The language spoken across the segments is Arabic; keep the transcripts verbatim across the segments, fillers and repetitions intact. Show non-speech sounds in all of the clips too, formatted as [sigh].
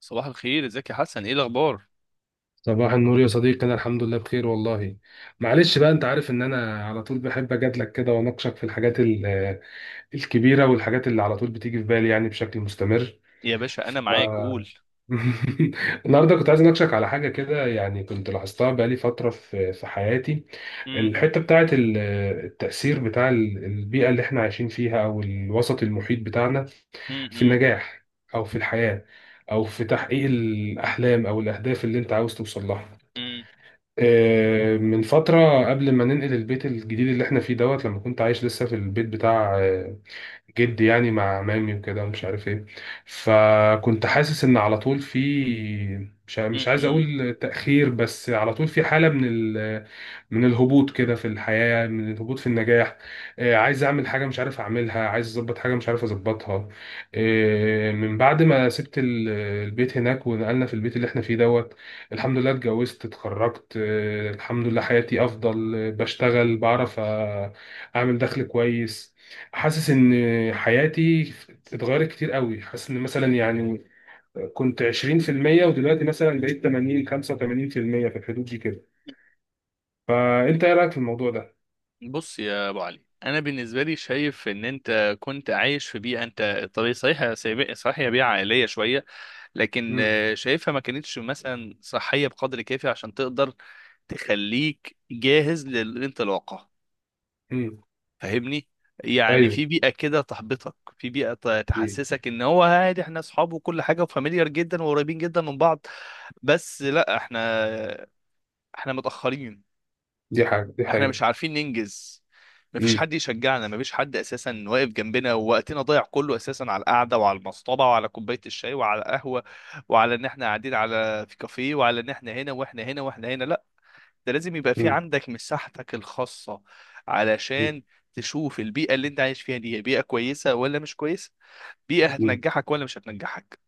صباح الخير، ازيك يا حسن؟ ايه الاخبار صباح النور يا صديقي، انا الحمد لله بخير والله. معلش بقى، انت عارف ان انا على طول بحب اجادلك كده واناقشك في الحاجات ال- آه، الكبيره والحاجات اللي على طول بتيجي في بالي، يعني بشكل مستمر. يا باشا؟ انا ف... معاك، قول. [laughs] النهارده كنت عايز اناقشك على حاجه كده، يعني كنت لاحظتها بقالي فتره في في حياتي. مم. الحته بتاعت ال- آه، التاثير بتاع ال- البيئه اللي احنا عايشين فيها او الوسط المحيط بتاعنا مم. في مم. النجاح، او في الحياه، او في تحقيق الاحلام او الاهداف اللي انت عاوز توصل لها. مم. آه، من فترة قبل ما ننقل البيت الجديد اللي احنا فيه دوت، لما كنت عايش لسه في البيت بتاع آه، جدي، يعني مع مامي وكده ومش عارف ايه. فكنت حاسس ان على طول في، مش ع- مم. مش عايز مم. اقول تأخير، بس على طول في حالة من ال... من الهبوط كده في الحياة، من الهبوط في النجاح. آه، عايز اعمل حاجة مش عارف اعملها، عايز اظبط حاجة مش عارف اظبطها. آه، من بعد ما سبت ال- البيت هناك ونقلنا في البيت اللي احنا فيه دوت، الحمد لله اتجوزت، اتخرجت، آه، الحمد لله حياتي افضل، آه، بشتغل، بعرف آه، اعمل دخل كويس. حاسس ان حياتي اتغيرت كتير قوي. حاسس ان مثلا يعني كنت عشرين في المية، ودلوقتي مثلا بقيت تمانين خمسة وثمانين في المية في المية، في الحدود دي كده. فانت ايه رايك في الموضوع ده؟ بص يا ابو علي، انا بالنسبه لي شايف ان انت كنت عايش في بيئه، انت طبيعي صحيح، سيب- صحيح هي بيئه عائليه شويه. لكن امم، آه، شايفها ما كانتش مثلا صحيه بقدر كافي عشان تقدر تخليك جاهز للانطلاقه. امم، فاهمني؟ يعني ايوه، في بيئة كده تحبطك، في بيئة ت- مم. تحسسك ان هو عادي، احنا اصحاب وكل حاجة وفاميليار جدا وقريبين جدا من بعض. بس لا، احنا احنا متأخرين، دي حاجه، دي احنا مش حقيقه. عارفين ننجز. مفيش امم، حد يشجعنا، مفيش حد اساسا واقف جنبنا، ووقتنا ضايع كله اساسا على القعده وعلى المصطبه وعلى كوبايه الشاي وعلى القهوه، وعلى ان احنا قاعدين على في كافيه، وعلى ان احنا هنا واحنا هنا واحنا هنا. لا، ده لازم يبقى في امم، عندك مساحتك الخاصة، علشان تشوف البيئة اللي انت عايش فيها دي، هي بيئة كويسة ولا مش كويسة، بيئة امم، هتنجحك ولا مش هتنجحك.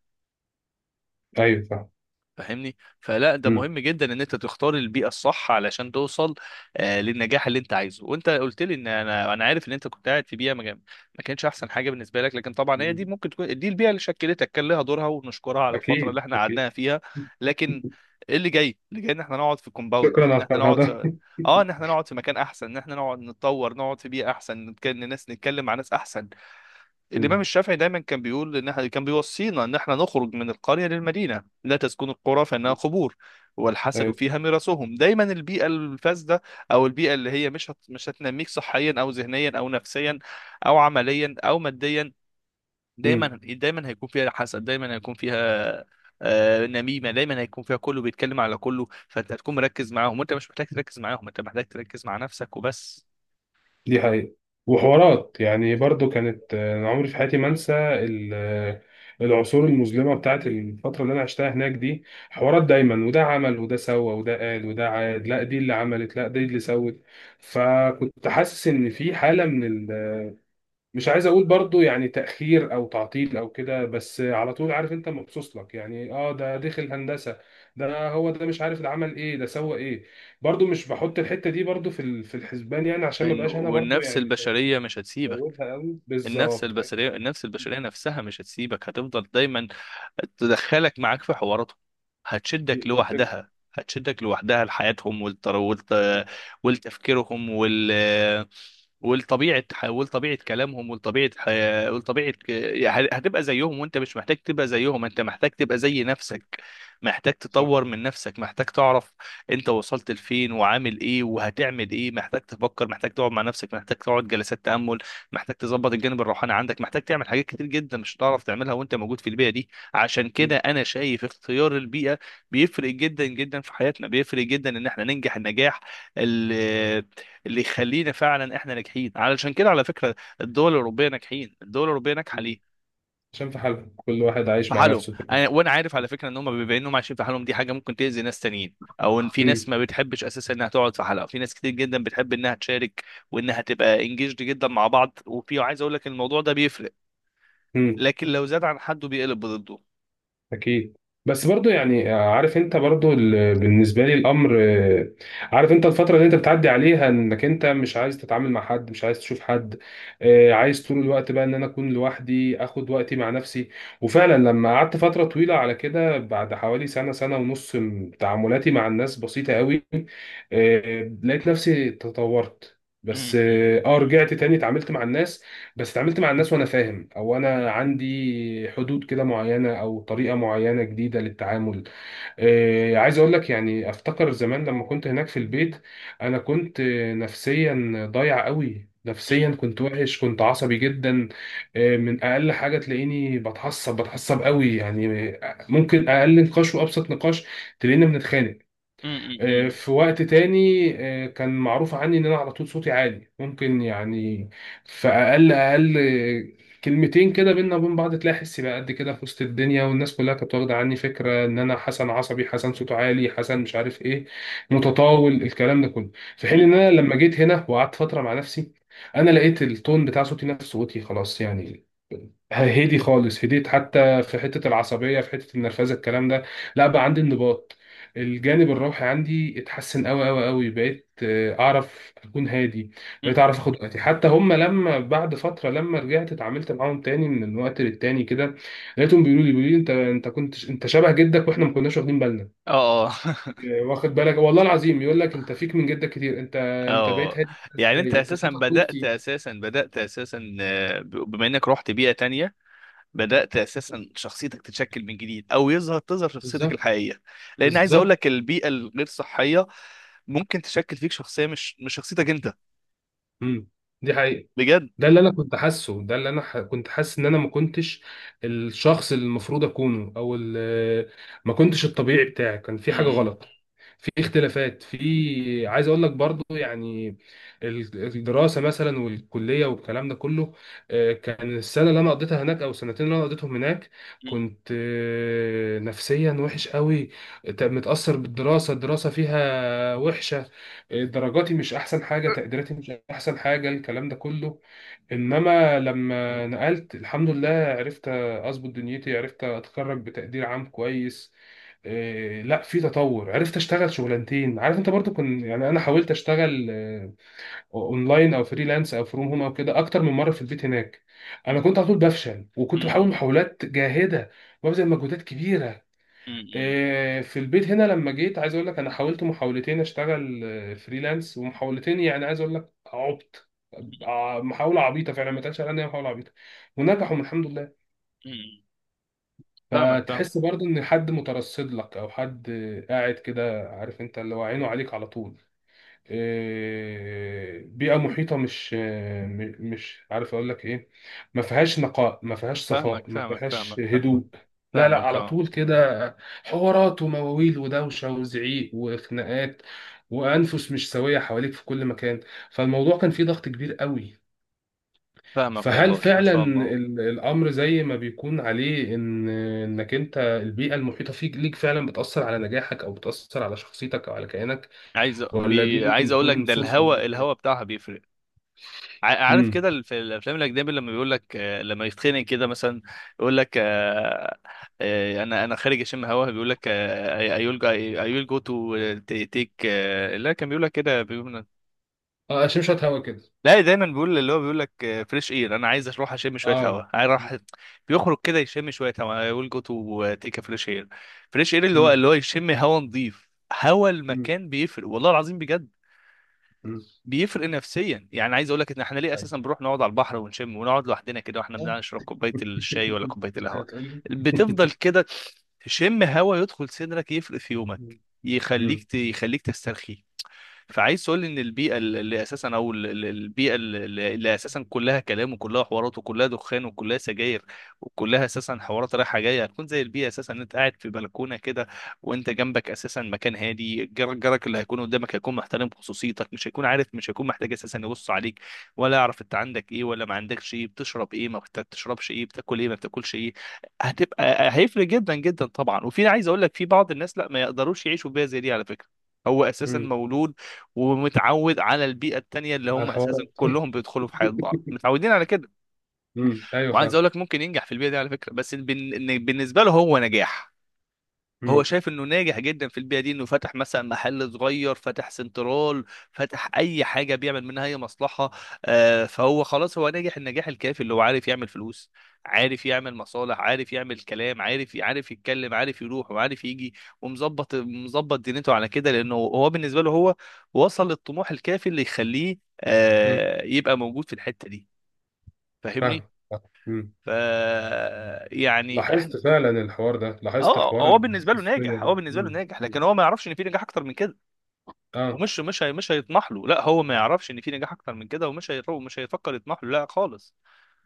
ايوه فاهم. فاهمني؟ فلا، ده امم، مهم جدا ان انت تختار البيئه الصح علشان توصل آه، للنجاح اللي انت عايزه. وانت قلت لي ان انا انا عارف ان انت كنت قاعد في بيئه ما كان- ما كانتش احسن حاجه بالنسبه لك، لكن طبعا هي دي، مم. ممكن تكون دي البيئه اللي شكلتك، كان لها دورها ونشكرها على الفتره اكيد اللي احنا قعدناها اكيد. فيها. لكن [laughs] ايه اللي جاي؟ اللي جاي ان احنا نقعد في شكرا كومباوند، على ان احنا نقعد الفرهده. في، اه ان احنا نقعد في مكان احسن، ان احنا نقعد نتطور، نقعد في بيئه احسن، نتكلم ناس، نتكلم مع ناس احسن. [laughs] الإمام امم، الشافعي دايما كان بيقول إن إحنا، كان بيوصينا إن إحنا نخرج من القرية للمدينة: لا تسكن القرى فإنها قبور، والحسد ايوه، فيها مرسهم. دايما البيئة الفاسدة، أو البيئة اللي هي مش هت... مش هتنميك صحيا أو ذهنيا أو نفسيا أو عمليا أو ماديا، دايما دايما هيكون فيها حسد، دايما هيكون فيها آه، نميمة، دايما هيكون فيها كله بيتكلم على كله، فأنت هتكون مركز معاهم، وأنت مش محتاج تركز معاهم، أنت محتاج تركز مع نفسك وبس. دي حقيقة. وحوارات يعني برضو كانت، آه، أنا عمري في حياتي ما أنسى ال- آه، العصور المظلمة بتاعت الفترة اللي أنا عشتها هناك دي. حوارات دايما، وده عمل، وده سوى، وده قال، وده عاد، لا دي اللي عملت، لا دي اللي سوت. فكنت حاسس إن في حالة من ال... مش عايز أقول برضو يعني تأخير أو تعطيل أو كده، بس على طول عارف أنت، مبسوط لك يعني، أه ده دخل هندسة، ده هو ده مش عارف، ده عمل ايه، ده سوى ايه. برضو مش بحط الحته دي برضو في ال- في الحسبان، يعني عشان ما إن- بقاش انا برضو والنفس يعني. البشرية مش هتسيبك، هوبها قوي، النفس بالظبط هي. البشريه النفس البشريه نفسها مش هتسيبك، هتفضل دايما تدخلك معاك في حواراتهم، هتشدك دي الفكرة. لوحدها هتشدك لوحدها لحياتهم والتر... والت... مم. والتفكيرهم وال... ولطبيعه ح- ولطبيعه كلامهم ولطبيعه حياة ولطبيعه ك- يعني هتبقى زيهم، وانت مش محتاج تبقى زيهم، انت محتاج تبقى زي مم. نفسك، محتاج صح. تطور من نفسك، محتاج تعرف انت وصلت لفين وعامل ايه وهتعمل ايه، محتاج تفكر، محتاج تقعد مع نفسك، محتاج تقعد جلسات تامل، محتاج تظبط الجانب الروحاني عندك، محتاج تعمل حاجات كتير جدا مش هتعرف تعملها وانت موجود في البيئه دي. عشان مم. كده انا شايف اختيار البيئه بيفرق جدا جدا في حياتنا، بيفرق جدا ان احنا ننجح النجاح اللي يخلينا فعلا احنا ناجحين. علشان كده على فكره، الدول الاوروبيه ناجحين، الدول الاوروبيه ناجحه مم. ليه؟ عشان في حالهم، كل واحد في عايش مع حالهم. نفسه كده. أنا وانا عارف على فكره ان هم بيبقى انهم عايشين في حالهم، دي حاجه ممكن تاذي ناس تانيين، او ان في ناس مم. ما بتحبش اساسا انها تقعد في حلقه، في ناس كتير جدا بتحب انها تشارك وانها تبقى انجيجد جدا مع بعض، وفي، عايز اقول لك، الموضوع ده بيفرق، مم. لكن لو زاد عن حده بيقلب ضده. اكيد. بس برضو يعني آه، عارف انت، برضو ال- بالنسبه لي الامر، آه، عارف انت الفتره اللي انت بتعدي عليها، انك انت مش عايز تتعامل مع حد، مش عايز تشوف حد. آه، عايز طول الوقت بقى ان انا اكون لوحدي، اخد وقتي مع نفسي. وفعلا لما قعدت فتره طويله على كده، بعد حوالي سنه سنه ونص، م- تعاملاتي مع الناس بسيطه قوي. آه، لقيت نفسي تطورت. بس مم. اه، آه، رجعت تاني اتعاملت مع الناس. بس اتعاملت مع الناس وانا فاهم، او انا عندي حدود كده معينه او طريقه معينه جديده للتعامل. آه، عايز اقول لك يعني، افتكر زمان لما كنت هناك في البيت، انا كنت آه، نفسيا ضايع قوي. نفسيا مم. كنت وحش، كنت عصبي جدا. آه، من اقل حاجه تلاقيني بتعصب بتعصب قوي يعني. آه، ممكن اقل نقاش وابسط نقاش تلاقينا بنتخانق. مم. آه، مم. في وقت تاني، آه، كان معروف عني ان انا على طول صوتي عالي، ممكن يعني في اقل اقل آه، كلمتين كده بينا وبين بعض تلاقي حسي بقى قد كده في وسط الدنيا، والناس كلها كانت واخده عني فكره ان انا حسن عصبي، حسن صوته عالي، حسن مش عارف ايه، متطاول، الكلام ده كله. في حين مم. ان انا لما جيت هنا وقعدت فتره مع نفسي، انا لقيت التون بتاع صوتي، نفس صوتي خلاص يعني هدي خالص. هديت حتى في حتة العصبية، في حتة النرفزة، الكلام ده لا، بقى عندي انضباط. الجانب الروحي عندي اتحسن قوي قوي قوي. بقيت آه، اعرف اكون هادي. مم. بقيت اعرف اخد وقتي. حتى هم لما بعد فترة لما رجعت اتعاملت معاهم تاني من وقت للتاني كده، لقيتهم بيقولوا لي بيقولوا لي انت، انت كنت انت شبه جدك، واحنا ما كناش واخدين بالنا. اه. [laughs] آه، واخد بالك، والله العظيم يقول لك انت فيك من جدك كتير انت، انت بقيت اه. هادي كده يعني انت ازاي، انت اساسا صوتك بدأت صوتي. اساسا بدأت اساسا آه، بما انك رحت بيئة تانية، بدأت أساسا شخصيتك تتشكل من جديد، أو يظهر تظهر شخصيتك بالظبط. الحقيقية. لأن عايز أقول بالظبط. لك، البيئة الغير صحية ممكن تشكل فيك شخصية، مش مش شخصيتك أنت، امم، دي حقيقة. بجد. ده اللي انا كنت حاسه. ده اللي انا ح... كنت حاسس ان انا ما كنتش الشخص اللي المفروض اكونه، او ال... ما كنتش الطبيعي بتاعي، كان في حاجه مم. غلط. في اختلافات في، عايز اقول لك برضو يعني، ال- الدراسه مثلا والكليه والكلام ده كله، آه، كان السنه اللي انا قضيتها هناك او السنتين اللي انا قضيتهم هناك مم. كنت آه، نفسيا وحش قوي، ت- متاثر بالدراسه، الدراسه فيها وحشه. آه، درجاتي مش احسن حاجه، تقديراتي مش احسن حاجه، الكلام ده كله. انما لما نقلت الحمد لله عرفت اظبط دنيتي، عرفت اتخرج بتقدير عام كويس، إيه لا في تطور. عرفت اشتغل شغلانتين. عارف انت، برضو كنت يعني انا حاولت اشتغل آه، اونلاين او فريلانس او فروم هوم او كده اكتر من مره في البيت هناك، انا كنت على طول بفشل، وكنت بحاول مم. محاولات جاهده وببذل مجهودات كبيره. مم. آه، في البيت هنا لما جيت، عايز اقول لك، انا حاولت محاولتين اشتغل آه، فريلانس، ومحاولتين يعني، عايز اقول لك عبط، ع- محاوله عبيطه فعلا، ما تقالش عليها إن هي محاوله عبيطه، ونجحوا الحمد لله. مم. فاهمك، فاهم. فتحس برضو ان حد مترصد لك، او حد آه، قاعد كده عارف انت، اللي هو عينه عليك على طول. آه، بيئة محيطة مش آه، م- مش عارف أقول لك إيه، ما فيهاش نقاء، ما فيهاش صفاء، فاهمك، ما فاهمك، فيهاش فاهمك، فاهمك، هدوء، لا لا، فاهمك، على اه. طول كده حوارات ومواويل ودوشة وزعيق وخناقات، وأنفس مش سوية حواليك في كل مكان. فالموضوع كان فيه ضغط كبير قوي. فاهمك، فهل والله ما فعلا شاء الله. ال- الأمر زي ما بيكون عليه، إن إنك أنت البيئة المحيطة فيك ليك فعلا بتأثر على نجاحك، أو بتأثر على شخصيتك أو على كيانك، عايز ولا دي بي... ممكن عايز اقول لك تكون ده، صدفة؟ الهوا الهوا بتاعها بيفرق. ع- عارف امم، كده، ال- في الافلام الاجنبي، لما بيقول لك آه، لما يتخنق كده مثلا، يقول لك آه، آه، انا انا خارج اشم هوا، بيقول لك اي ويل اي ويل جو تو تيك. لا، كان بيقول لك كده، بيقول، اه شمشت هوا كده. لا، دايما بيقول، اللي هو بيقول لك فريش اير، انا عايز اروح اشم شويه اه. هوا، عايز اروح. بيخرج كده يشم شويه هوا، اي ويل جو تو تيك فريش اير. فريش اير، اللي هو مم. اللي هو يشم هوا نظيف. هوا مم. المكان بيفرق، والله العظيم بجد. مم. بيفرق نفسيا، يعني عايز اقول لك، ان احنا ليه اساسا بنروح نقعد على البحر ونشم ونقعد لوحدنا كده، واحنا ايوه. بنقعد نشرب كوبايه الشاي ولا كوبايه [laughs] القهوه؟ هتقول لي. [laughs] بتفضل كده، تشم هوا يدخل صدرك، يفرق في يومك، مم. يخليك مم. ت... يخليك تسترخي. فعايز تقول لي ان البيئه اللي اساسا او ال- ال- البيئه اللي اللي اساسا كلها كلام وكلها حوارات وكلها دخان وكلها سجاير، وكلها اساسا حوارات رايحه جايه، هتكون زي البيئه اساسا ان انت قاعد في بلكونه كده، وانت جنبك اساسا مكان هادي، جار- جارك اللي هيكون قدامك هيكون محترم خصوصيتك، مش هيكون عارف، مش هيكون محتاج اساسا يبص عليك، ولا يعرف انت عندك ايه ولا ما عندكش ايه، بتشرب ايه ما بت- بتشربش ايه، بتاكل ايه ما بتاكلش ايه. هتبقى هيفرق جدا جدا طبعا. وفي، عايز اقول لك، في بعض الناس لا، ما يقدروش يعيشوا بيئه زي دي على فكره، هو اساسا مم. مولود ومتعود على البيئه التانيه، اللي على هم اساسا الحوارات. كلهم بيدخلوا في حياه بعض، متعودين على كده. مم. [laughs] ايوه وعايز فاهم. اقول لك، ممكن ينجح في البيئه دي على فكره، بس بن- إن بالنسبه له هو نجاح، هو مم. شايف انه ناجح جدا في البيئه دي، انه فتح مثلا محل صغير، فتح سنترال، فتح اي حاجه بيعمل منها اي مصلحه. آه، فهو خلاص، هو ناجح النجاح الكافي، اللي هو عارف يعمل فلوس، عارف يعمل مصالح، عارف يعمل كلام، عارف عارف يتكلم، عارف يروح وعارف يجي، ومظبط مظبط دنيته على كده، لانه هو بالنسبه له هو وصل للطموح الكافي اللي يخليه مم. آه، يبقى موجود في الحته دي. فاهمني؟ فاهم فاهم. مم. ف يعني احنا، لاحظت فعلا الحوار ده، لاحظت اه، حوار هو بالنسبه له الحساسية ناجح، هو ده. بالنسبه له مم. ناجح، مم. لكن هو ما يعرفش ان في نجاح اكتر من كده. اه. ومش مش هي مش هيطمح له، لا، هو ما يعرفش ان في نجاح اكتر من كده، ومش هيرو مش هيفكر يطمح له، لا خالص.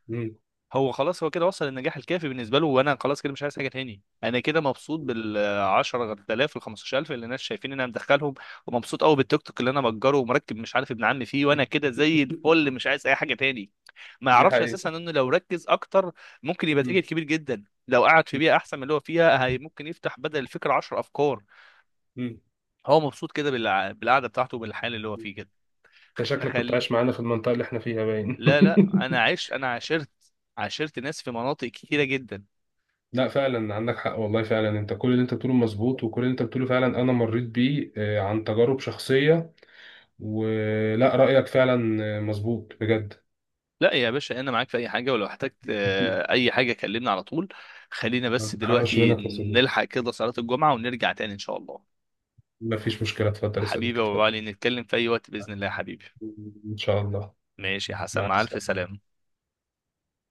مم. هو خلاص هو كده وصل للنجاح الكافي بالنسبه له، وانا خلاص كده مش عايز حاجه تاني، انا كده مبسوط بال عشر آلاف وال خمسة عشر ألف اللي الناس شايفين ان انا مدخلهم، ومبسوط قوي بالتيك توك اللي انا مأجره ومركب، مش عارف، ابن عمي فيه، وانا كده زي الفل [laughs] مش عايز اي حاجه تاني. ما دي يعرفش حقيقة. اساسا انه لو ركز اكتر، ممكن يبقى تاجر مم. كبير جدا، لو قعد في مم. بيئه احسن من اللي هو فيها، هي ممكن يفتح بدل الفكره 10 افكار. مم. هو مبسوط كده بالع- بالقعده بتاعته وبالحال اللي هو فيه كده. انت شكلك كنت فخل عايش معانا في المنطقة اللي احنا فيها باين. لا، لا، انا [laughs] عشت انا عاشرت عاشرت ناس في مناطق كتيره جدا. لا فعلا عندك حق والله، فعلا انت كل اللي انت بتقوله مظبوط، وكل اللي انت بتقوله فعلا انا مريت بيه، آه، عن تجارب شخصية. ولا رأيك فعلا آه، مظبوط بجد. لا يا باشا، انا معاك في اي حاجه، ولو احتجت آه، [laughs] اي حاجه كلمني على طول. خلينا بس ما تحرمش دلوقتي منك يا صديقي. نلحق كده صلاه الجمعه ونرجع تاني ان شاء الله. ما فيش مشكلة، اتفضل يا حبيبي صديقي يا ابو اتفضل. علي، نتكلم في اي وقت باذن الله يا حبيبي. [laughs] ان شاء الله. ماشي يا حسن، مع مع الف السلامة. سلامه.